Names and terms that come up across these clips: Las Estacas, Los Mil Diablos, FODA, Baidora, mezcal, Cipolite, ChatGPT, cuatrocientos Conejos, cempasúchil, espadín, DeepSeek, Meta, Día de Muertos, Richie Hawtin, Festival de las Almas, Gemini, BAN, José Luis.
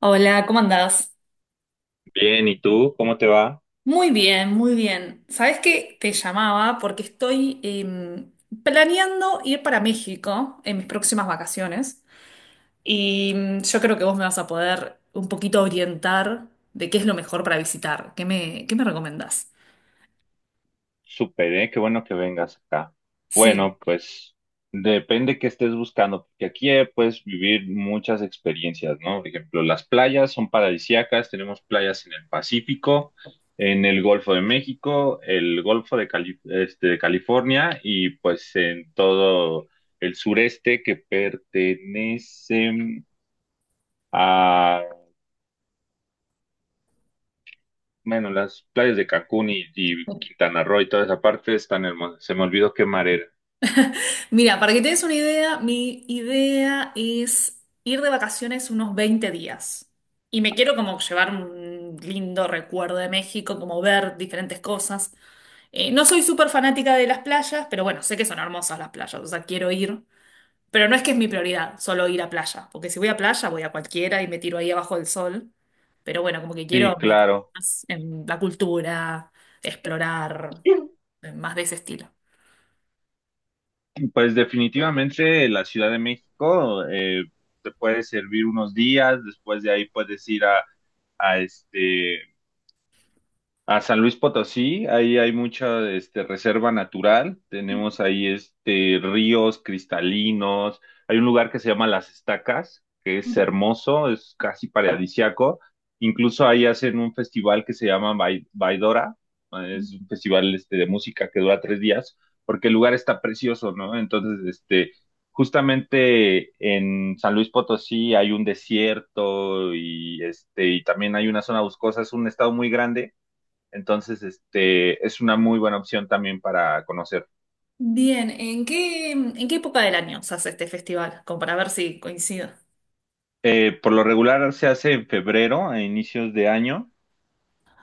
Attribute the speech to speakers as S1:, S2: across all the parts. S1: Hola, ¿cómo andás?
S2: Bien, ¿y tú? ¿Cómo te va?
S1: Muy bien, muy bien. ¿Sabés qué? Te llamaba porque estoy planeando ir para México en mis próximas vacaciones y yo creo que vos me vas a poder un poquito orientar de qué es lo mejor para visitar. ¿Qué me recomendás?
S2: Súper, ¿eh? Qué bueno que vengas acá.
S1: Sí.
S2: Bueno, pues depende qué estés buscando, porque aquí puedes vivir muchas experiencias, ¿no? Por ejemplo, las playas son paradisíacas, tenemos playas en el Pacífico, en el Golfo de México, el Golfo de de California, y pues en todo el sureste que pertenece. Bueno, las playas de Cancún y Quintana Roo y toda esa parte están hermosas. Se me olvidó qué mar era.
S1: Mira, para que te des una idea, mi idea es ir de vacaciones unos 20 días. Y me quiero como llevar un lindo recuerdo de México, como ver diferentes cosas. No soy súper fanática de las playas, pero bueno, sé que son hermosas las playas, o sea, quiero ir. Pero no es que es mi prioridad solo ir a playa, porque si voy a playa voy a cualquiera y me tiro ahí abajo del sol. Pero bueno, como que quiero
S2: Sí,
S1: meter
S2: claro.
S1: más en la cultura, explorar, más de ese estilo.
S2: Pues definitivamente la Ciudad de México te puede servir unos días. Después de ahí puedes ir a a San Luis Potosí. Ahí hay mucha reserva natural, tenemos ahí ríos cristalinos, hay un lugar que se llama Las Estacas, que es hermoso, es casi paradisiaco. Incluso ahí hacen un festival que se llama Baidora, es un festival de música que dura 3 días, porque el lugar está precioso, ¿no? Entonces, justamente en San Luis Potosí hay un desierto y, y también hay una zona boscosa, es un estado muy grande, entonces, es una muy buena opción también para conocer.
S1: Bien, ¿en qué época del año se hace este festival? Como para ver si coincido.
S2: Por lo regular se hace en febrero, a inicios de año,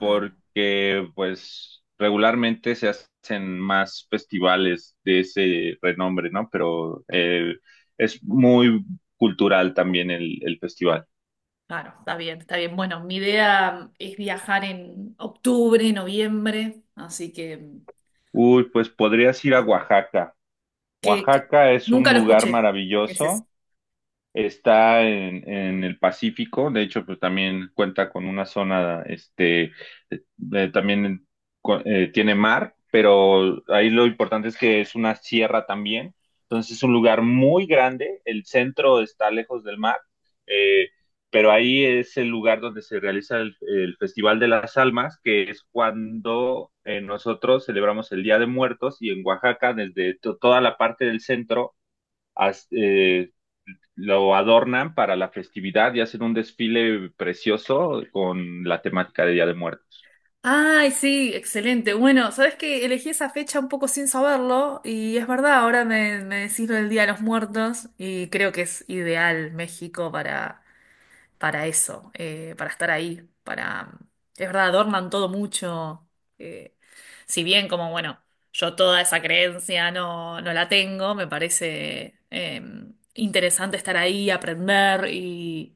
S1: Ah,
S2: pues regularmente se hacen más festivales de ese renombre, ¿no? Pero es muy cultural también el festival.
S1: claro, está bien, está bien. Bueno, mi idea es viajar en octubre, noviembre, así que
S2: Uy, pues podrías ir a Oaxaca.
S1: que, que-
S2: Oaxaca es un
S1: nunca lo
S2: lugar
S1: escuché. Es ese.
S2: maravilloso. Está en el Pacífico, de hecho, pues también cuenta con una zona, también tiene mar, pero ahí lo importante es que es una sierra también, entonces es un lugar muy grande, el centro está lejos del mar. eh, pero ahí es el lugar donde se realiza el Festival de las Almas, que es cuando nosotros celebramos el Día de Muertos, y en Oaxaca, desde toda la parte del centro lo adornan para la festividad y hacen un desfile precioso con la temática de Día de Muertos.
S1: Ay, sí, excelente. Bueno, sabes que elegí esa fecha un poco sin saberlo y es verdad, ahora me decís lo del Día de los Muertos y creo que es ideal México para eso, para estar ahí, para... Es verdad, adornan todo mucho. eh, si bien como, bueno, yo toda esa creencia no, no la tengo, me parece interesante estar ahí, aprender y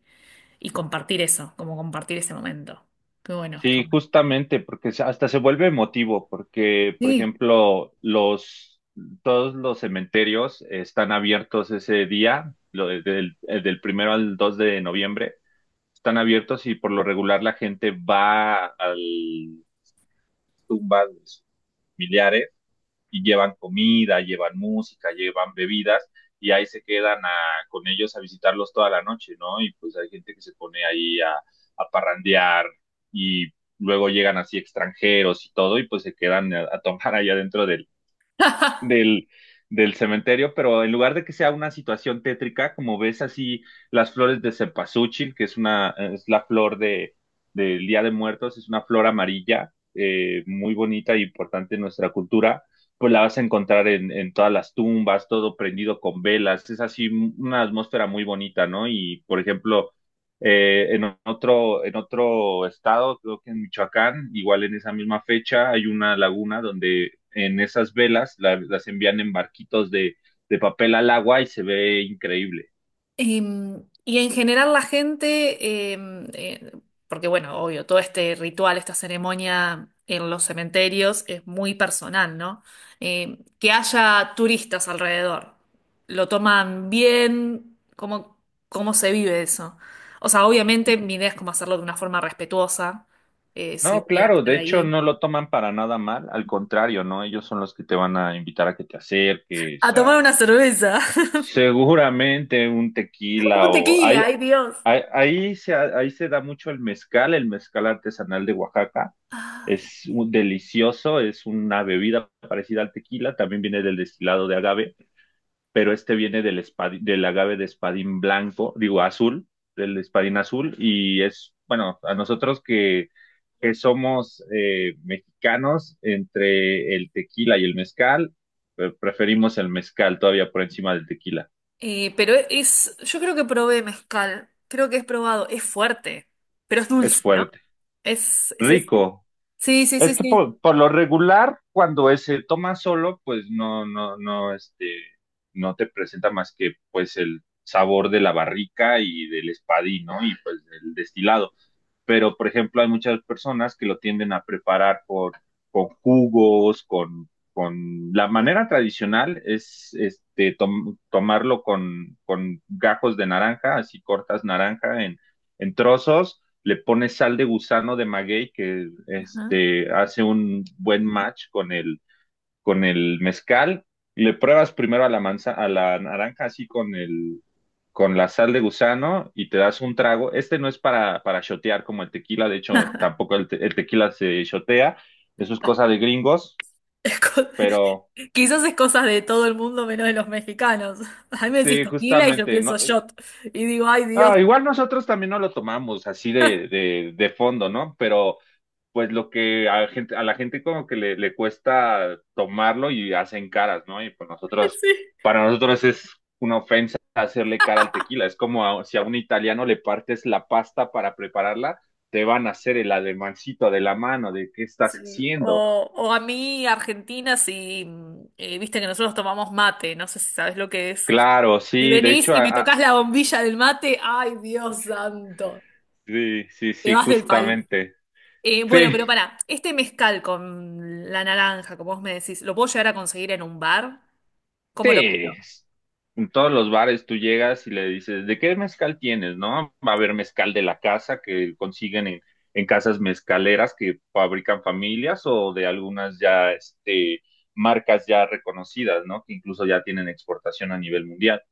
S1: compartir eso, como compartir ese momento. Qué bueno, está
S2: Sí,
S1: bueno.
S2: justamente, porque hasta se vuelve emotivo, porque, por
S1: Sí.
S2: ejemplo, todos los cementerios están abiertos ese día, del, del primero al 2 de noviembre, están abiertos, y por lo regular la gente va al tumbas de sus familiares y llevan comida, llevan música, llevan bebidas, y ahí se quedan con ellos a visitarlos toda la noche, ¿no? Y pues hay gente que se pone ahí a parrandear, y luego llegan así extranjeros y todo, y pues se quedan a tomar allá dentro del, del cementerio, pero en lugar de que sea una situación tétrica, como ves así las flores de cempasúchil, que es una, es la flor del Día de Muertos, es una flor amarilla, muy bonita e importante en nuestra cultura, pues la vas a encontrar en todas las tumbas, todo prendido con velas, es así una atmósfera muy bonita, ¿no? Y por ejemplo, en otro estado, creo que en Michoacán, igual en esa misma fecha, hay una laguna donde en esas velas las envían en barquitos de papel al agua, y se ve increíble.
S1: Y en general la gente, porque bueno, obvio, todo este ritual, esta ceremonia en los cementerios es muy personal, ¿no? Em, que haya turistas alrededor, lo toman bien, ¿cómo se vive eso? O sea, obviamente mi idea es cómo hacerlo de una forma respetuosa, si
S2: No,
S1: voy a
S2: claro,
S1: estar
S2: de hecho
S1: ahí.
S2: no lo toman para nada mal, al contrario, ¿no? Ellos son los que te van a invitar a que te
S1: A
S2: acerques,
S1: tomar
S2: a
S1: una cerveza.
S2: seguramente un tequila
S1: Un
S2: o
S1: tequila,
S2: hay,
S1: ay Dios.
S2: ahí, ahí se da mucho el mezcal artesanal de Oaxaca.
S1: Ay, sí.
S2: Delicioso, es una bebida parecida al tequila, también viene del destilado de agave, pero este viene del agave de espadín blanco, digo azul, del espadín azul, y es, bueno, a nosotros que somos mexicanos, entre el tequila y el mezcal, preferimos el mezcal todavía por encima del tequila.
S1: Pero es, yo creo que probé mezcal, creo que he probado, es fuerte, pero es
S2: Es
S1: dulce, ¿no?
S2: fuerte,
S1: Es ese.
S2: rico.
S1: Sí, sí,
S2: Es
S1: sí,
S2: que
S1: sí.
S2: por lo regular, cuando se toma solo, pues no, no te presenta más que pues el sabor de la barrica y del espadín, ¿no? Y pues del destilado, pero por ejemplo hay muchas personas que lo tienden a preparar con jugos, La manera tradicional es tomarlo con gajos de naranja, así cortas naranja en trozos, le pones sal de gusano de maguey que
S1: Ajá.
S2: hace un buen match con el mezcal, le pruebas primero a la manza, a la naranja así con la sal de gusano, y te das un trago. Este no es para shotear como el tequila, de hecho tampoco el tequila se shotea, eso es cosa de gringos,
S1: Es co-
S2: pero
S1: Quizás es cosa de todo el mundo menos de los mexicanos. A mí me decís
S2: sí,
S1: tequila y yo
S2: justamente,
S1: pienso
S2: no,
S1: shot. Y digo, ay Dios.
S2: igual nosotros también no lo tomamos así de fondo, ¿no? Pero pues lo que a la gente como que le cuesta tomarlo y hacen caras, ¿no? Y pues nosotros,
S1: Sí.
S2: para nosotros es una ofensa hacerle cara al tequila. Es como si a un italiano le partes la pasta para prepararla, te van a hacer el ademancito de la mano, de qué estás
S1: Sí.
S2: haciendo.
S1: O a mí, Argentina, si viste que nosotros tomamos mate, no sé si sabes lo que es.
S2: Claro,
S1: Si
S2: sí, de
S1: venís
S2: hecho,
S1: y me tocas la bombilla del mate, ay, Dios santo,
S2: sí, sí,
S1: te
S2: sí,
S1: vas del país.
S2: justamente.
S1: Bueno,
S2: Sí,
S1: pero pará, este mezcal con la naranja, como vos me decís, ¿lo puedo llegar a conseguir en un bar? ¿Cómo lo...?
S2: sí, en todos los bares tú llegas y le dices, ¿de qué mezcal tienes, no? Va a haber mezcal de la casa que consiguen en casas mezcaleras que fabrican familias, o de algunas ya, marcas ya reconocidas, ¿no? Que incluso ya tienen exportación a nivel mundial.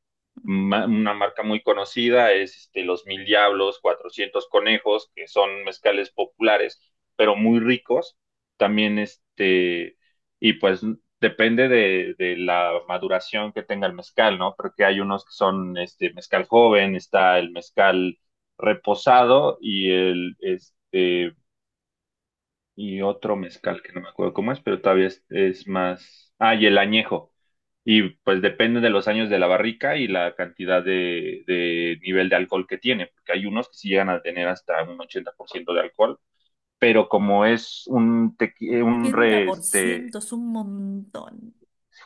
S2: Una marca muy conocida es Los Mil Diablos, cuatrocientos Conejos, que son mezcales populares, pero muy ricos. También y pues depende de la maduración que tenga el mezcal, ¿no? Porque hay unos que son este mezcal joven, está el mezcal reposado y el este y otro mezcal que no me acuerdo cómo es, pero todavía es más. Ah, y el añejo. Y pues depende de los años de la barrica y la cantidad de nivel de alcohol que tiene, porque hay unos que sí llegan a tener hasta un 80% de alcohol, pero como es un, tequi- un re, este,
S1: 80% es un montón.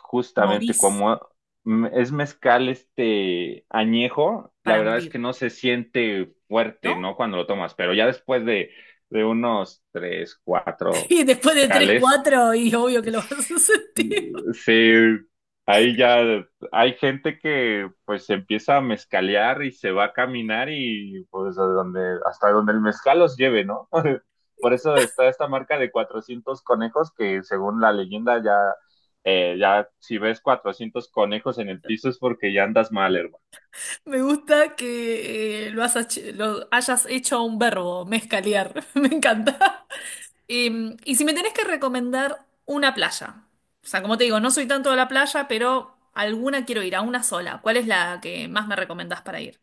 S2: justamente
S1: Morís
S2: como es mezcal este añejo, la
S1: para
S2: verdad es
S1: morir,
S2: que no se siente fuerte,
S1: ¿no?
S2: ¿no? Cuando lo tomas, pero ya después de unos tres, cuatro.
S1: Y después de 3 4, y obvio que lo vas a sentir.
S2: Sí, ahí ya hay gente que pues se empieza a mezcalear y se va a caminar, y pues a donde, hasta donde el mezcal los lleve, ¿no? Por eso está esta marca de cuatrocientos conejos, que según la leyenda ya, ya si ves cuatrocientos conejos en el piso es porque ya andas mal, hermano.
S1: Me gusta que has hecho- lo hayas hecho un verbo, mezcalear. Me encanta. Y si me tenés que recomendar una playa, o sea, como te digo, no soy tanto de la playa, pero alguna quiero ir, a una sola. ¿Cuál es la que más me recomendás para ir?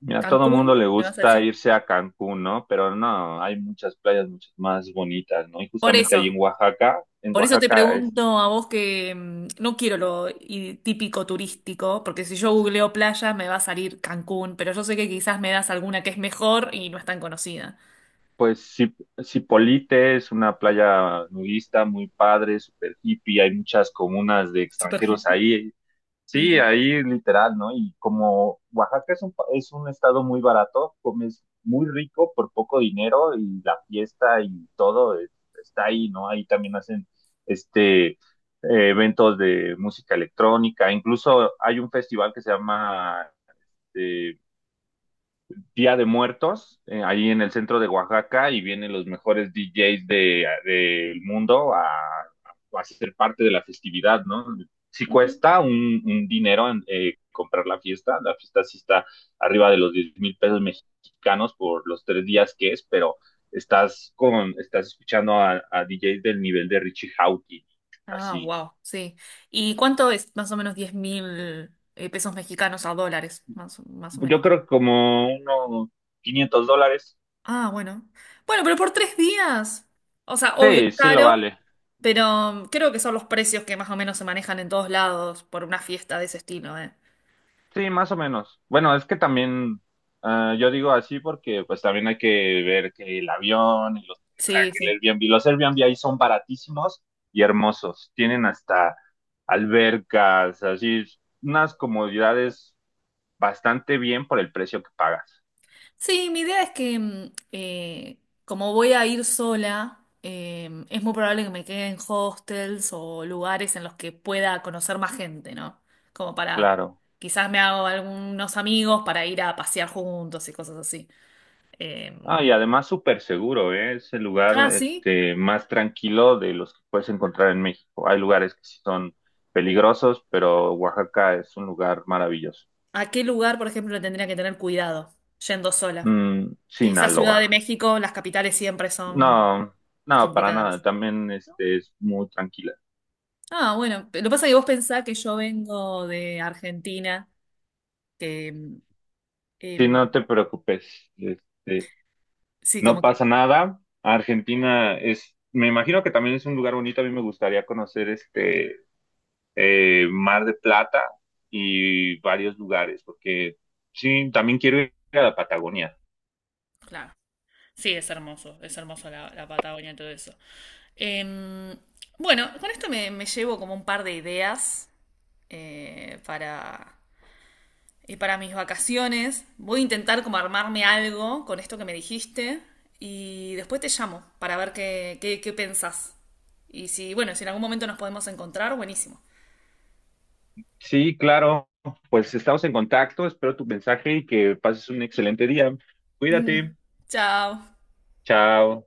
S2: Mira, a todo mundo
S1: ¿Cancún?
S2: le
S1: ¿Me vas a
S2: gusta
S1: decir?
S2: irse a Cancún, ¿no? Pero no, hay muchas playas muchas más bonitas, ¿no? Y
S1: Por
S2: justamente ahí en
S1: eso,
S2: Oaxaca, en
S1: por eso te
S2: Oaxaca.
S1: pregunto a vos que no quiero lo i- típico turístico, porque si yo googleo playa me va a salir Cancún, pero yo sé que quizás me das alguna que es mejor y no es tan conocida.
S2: Pues Ci- Cipolite es una playa nudista muy padre, super hippie, hay muchas comunas de
S1: Super
S2: extranjeros
S1: hippie.
S2: ahí. Sí,
S1: Sí,
S2: ahí literal, ¿no? Y como Oaxaca es es un estado muy barato, comes muy rico por poco dinero, y la fiesta y todo está ahí, ¿no? Ahí también hacen este eh, eventos de música electrónica. Incluso hay un festival que se llama eh, Día de Muertos, ahí en el centro de Oaxaca, y vienen los mejores DJs del mundo a ser parte de la festividad, ¿no? Sí
S1: sí.
S2: cuesta un dinero en, comprar la fiesta sí está arriba de los 10,000 pesos mexicanos por los 3 días que es, pero estás estás escuchando a DJs del nivel de Richie Hawtin,
S1: Ah,
S2: así.
S1: wow, sí. ¿Y cuánto es más o menos 10.000 pesos mexicanos a dólares? Más, o- más o
S2: Yo
S1: menos.
S2: creo que como unos 500 dólares.
S1: Ah, bueno. Bueno, pero por 3 días. O sea, obvio,
S2: Sí,
S1: es
S2: sí lo
S1: caro,
S2: vale.
S1: pero creo que son los precios que más o menos se manejan en todos lados por una fiesta de ese estilo, ¿eh?
S2: Sí, más o menos. Bueno, es que también ah, yo digo así porque pues también hay que ver que el avión y los
S1: Sí,
S2: hospedaje, el
S1: sí.
S2: Airbnb, los Airbnb ahí son baratísimos y hermosos. Tienen hasta albercas, así unas comodidades bastante bien por el precio que pagas.
S1: Sí, mi idea es que como voy a ir sola, es muy probable que me quede en hostels o lugares en los que pueda conocer más gente, ¿no? Como para,
S2: Claro.
S1: quizás me hago algunos amigos para ir a pasear juntos y cosas así. Eh,
S2: Ah, y además súper seguro, ¿eh? Es el lugar
S1: ah, sí.
S2: este más tranquilo de los que puedes encontrar en México. Hay lugares que sí son peligrosos, pero Oaxaca es un lugar maravilloso.
S1: ¿A qué lugar, por ejemplo, le tendría que tener cuidado yendo sola?
S2: Mm,
S1: Quizás Ciudad
S2: Sinaloa.
S1: de México, las capitales siempre son
S2: No, no, para nada.
S1: complicadas.
S2: También este es muy tranquila.
S1: Ah, bueno, lo que pasa es que vos pensás que yo vengo de Argentina, que em,
S2: Sí,
S1: em,
S2: no te preocupes. Este,
S1: sí,
S2: no
S1: como que...
S2: pasa nada. Argentina es, me imagino que también es un lugar bonito. A mí me gustaría conocer este Mar de Plata y varios lugares, porque sí, también quiero ir a la Patagonia.
S1: Claro. Sí, es hermoso la Patagonia y todo eso. Em, bueno, con esto me llevo como un par de ideas para, y para mis vacaciones. Voy a intentar como armarme algo con esto que me dijiste y después te llamo para ver qué pensás. Y si, bueno, si en algún momento nos podemos encontrar, buenísimo.
S2: Sí, claro. Pues estamos en contacto. Espero tu mensaje y que pases un excelente día.
S1: Mm.
S2: Cuídate.
S1: Chao.
S2: Chao.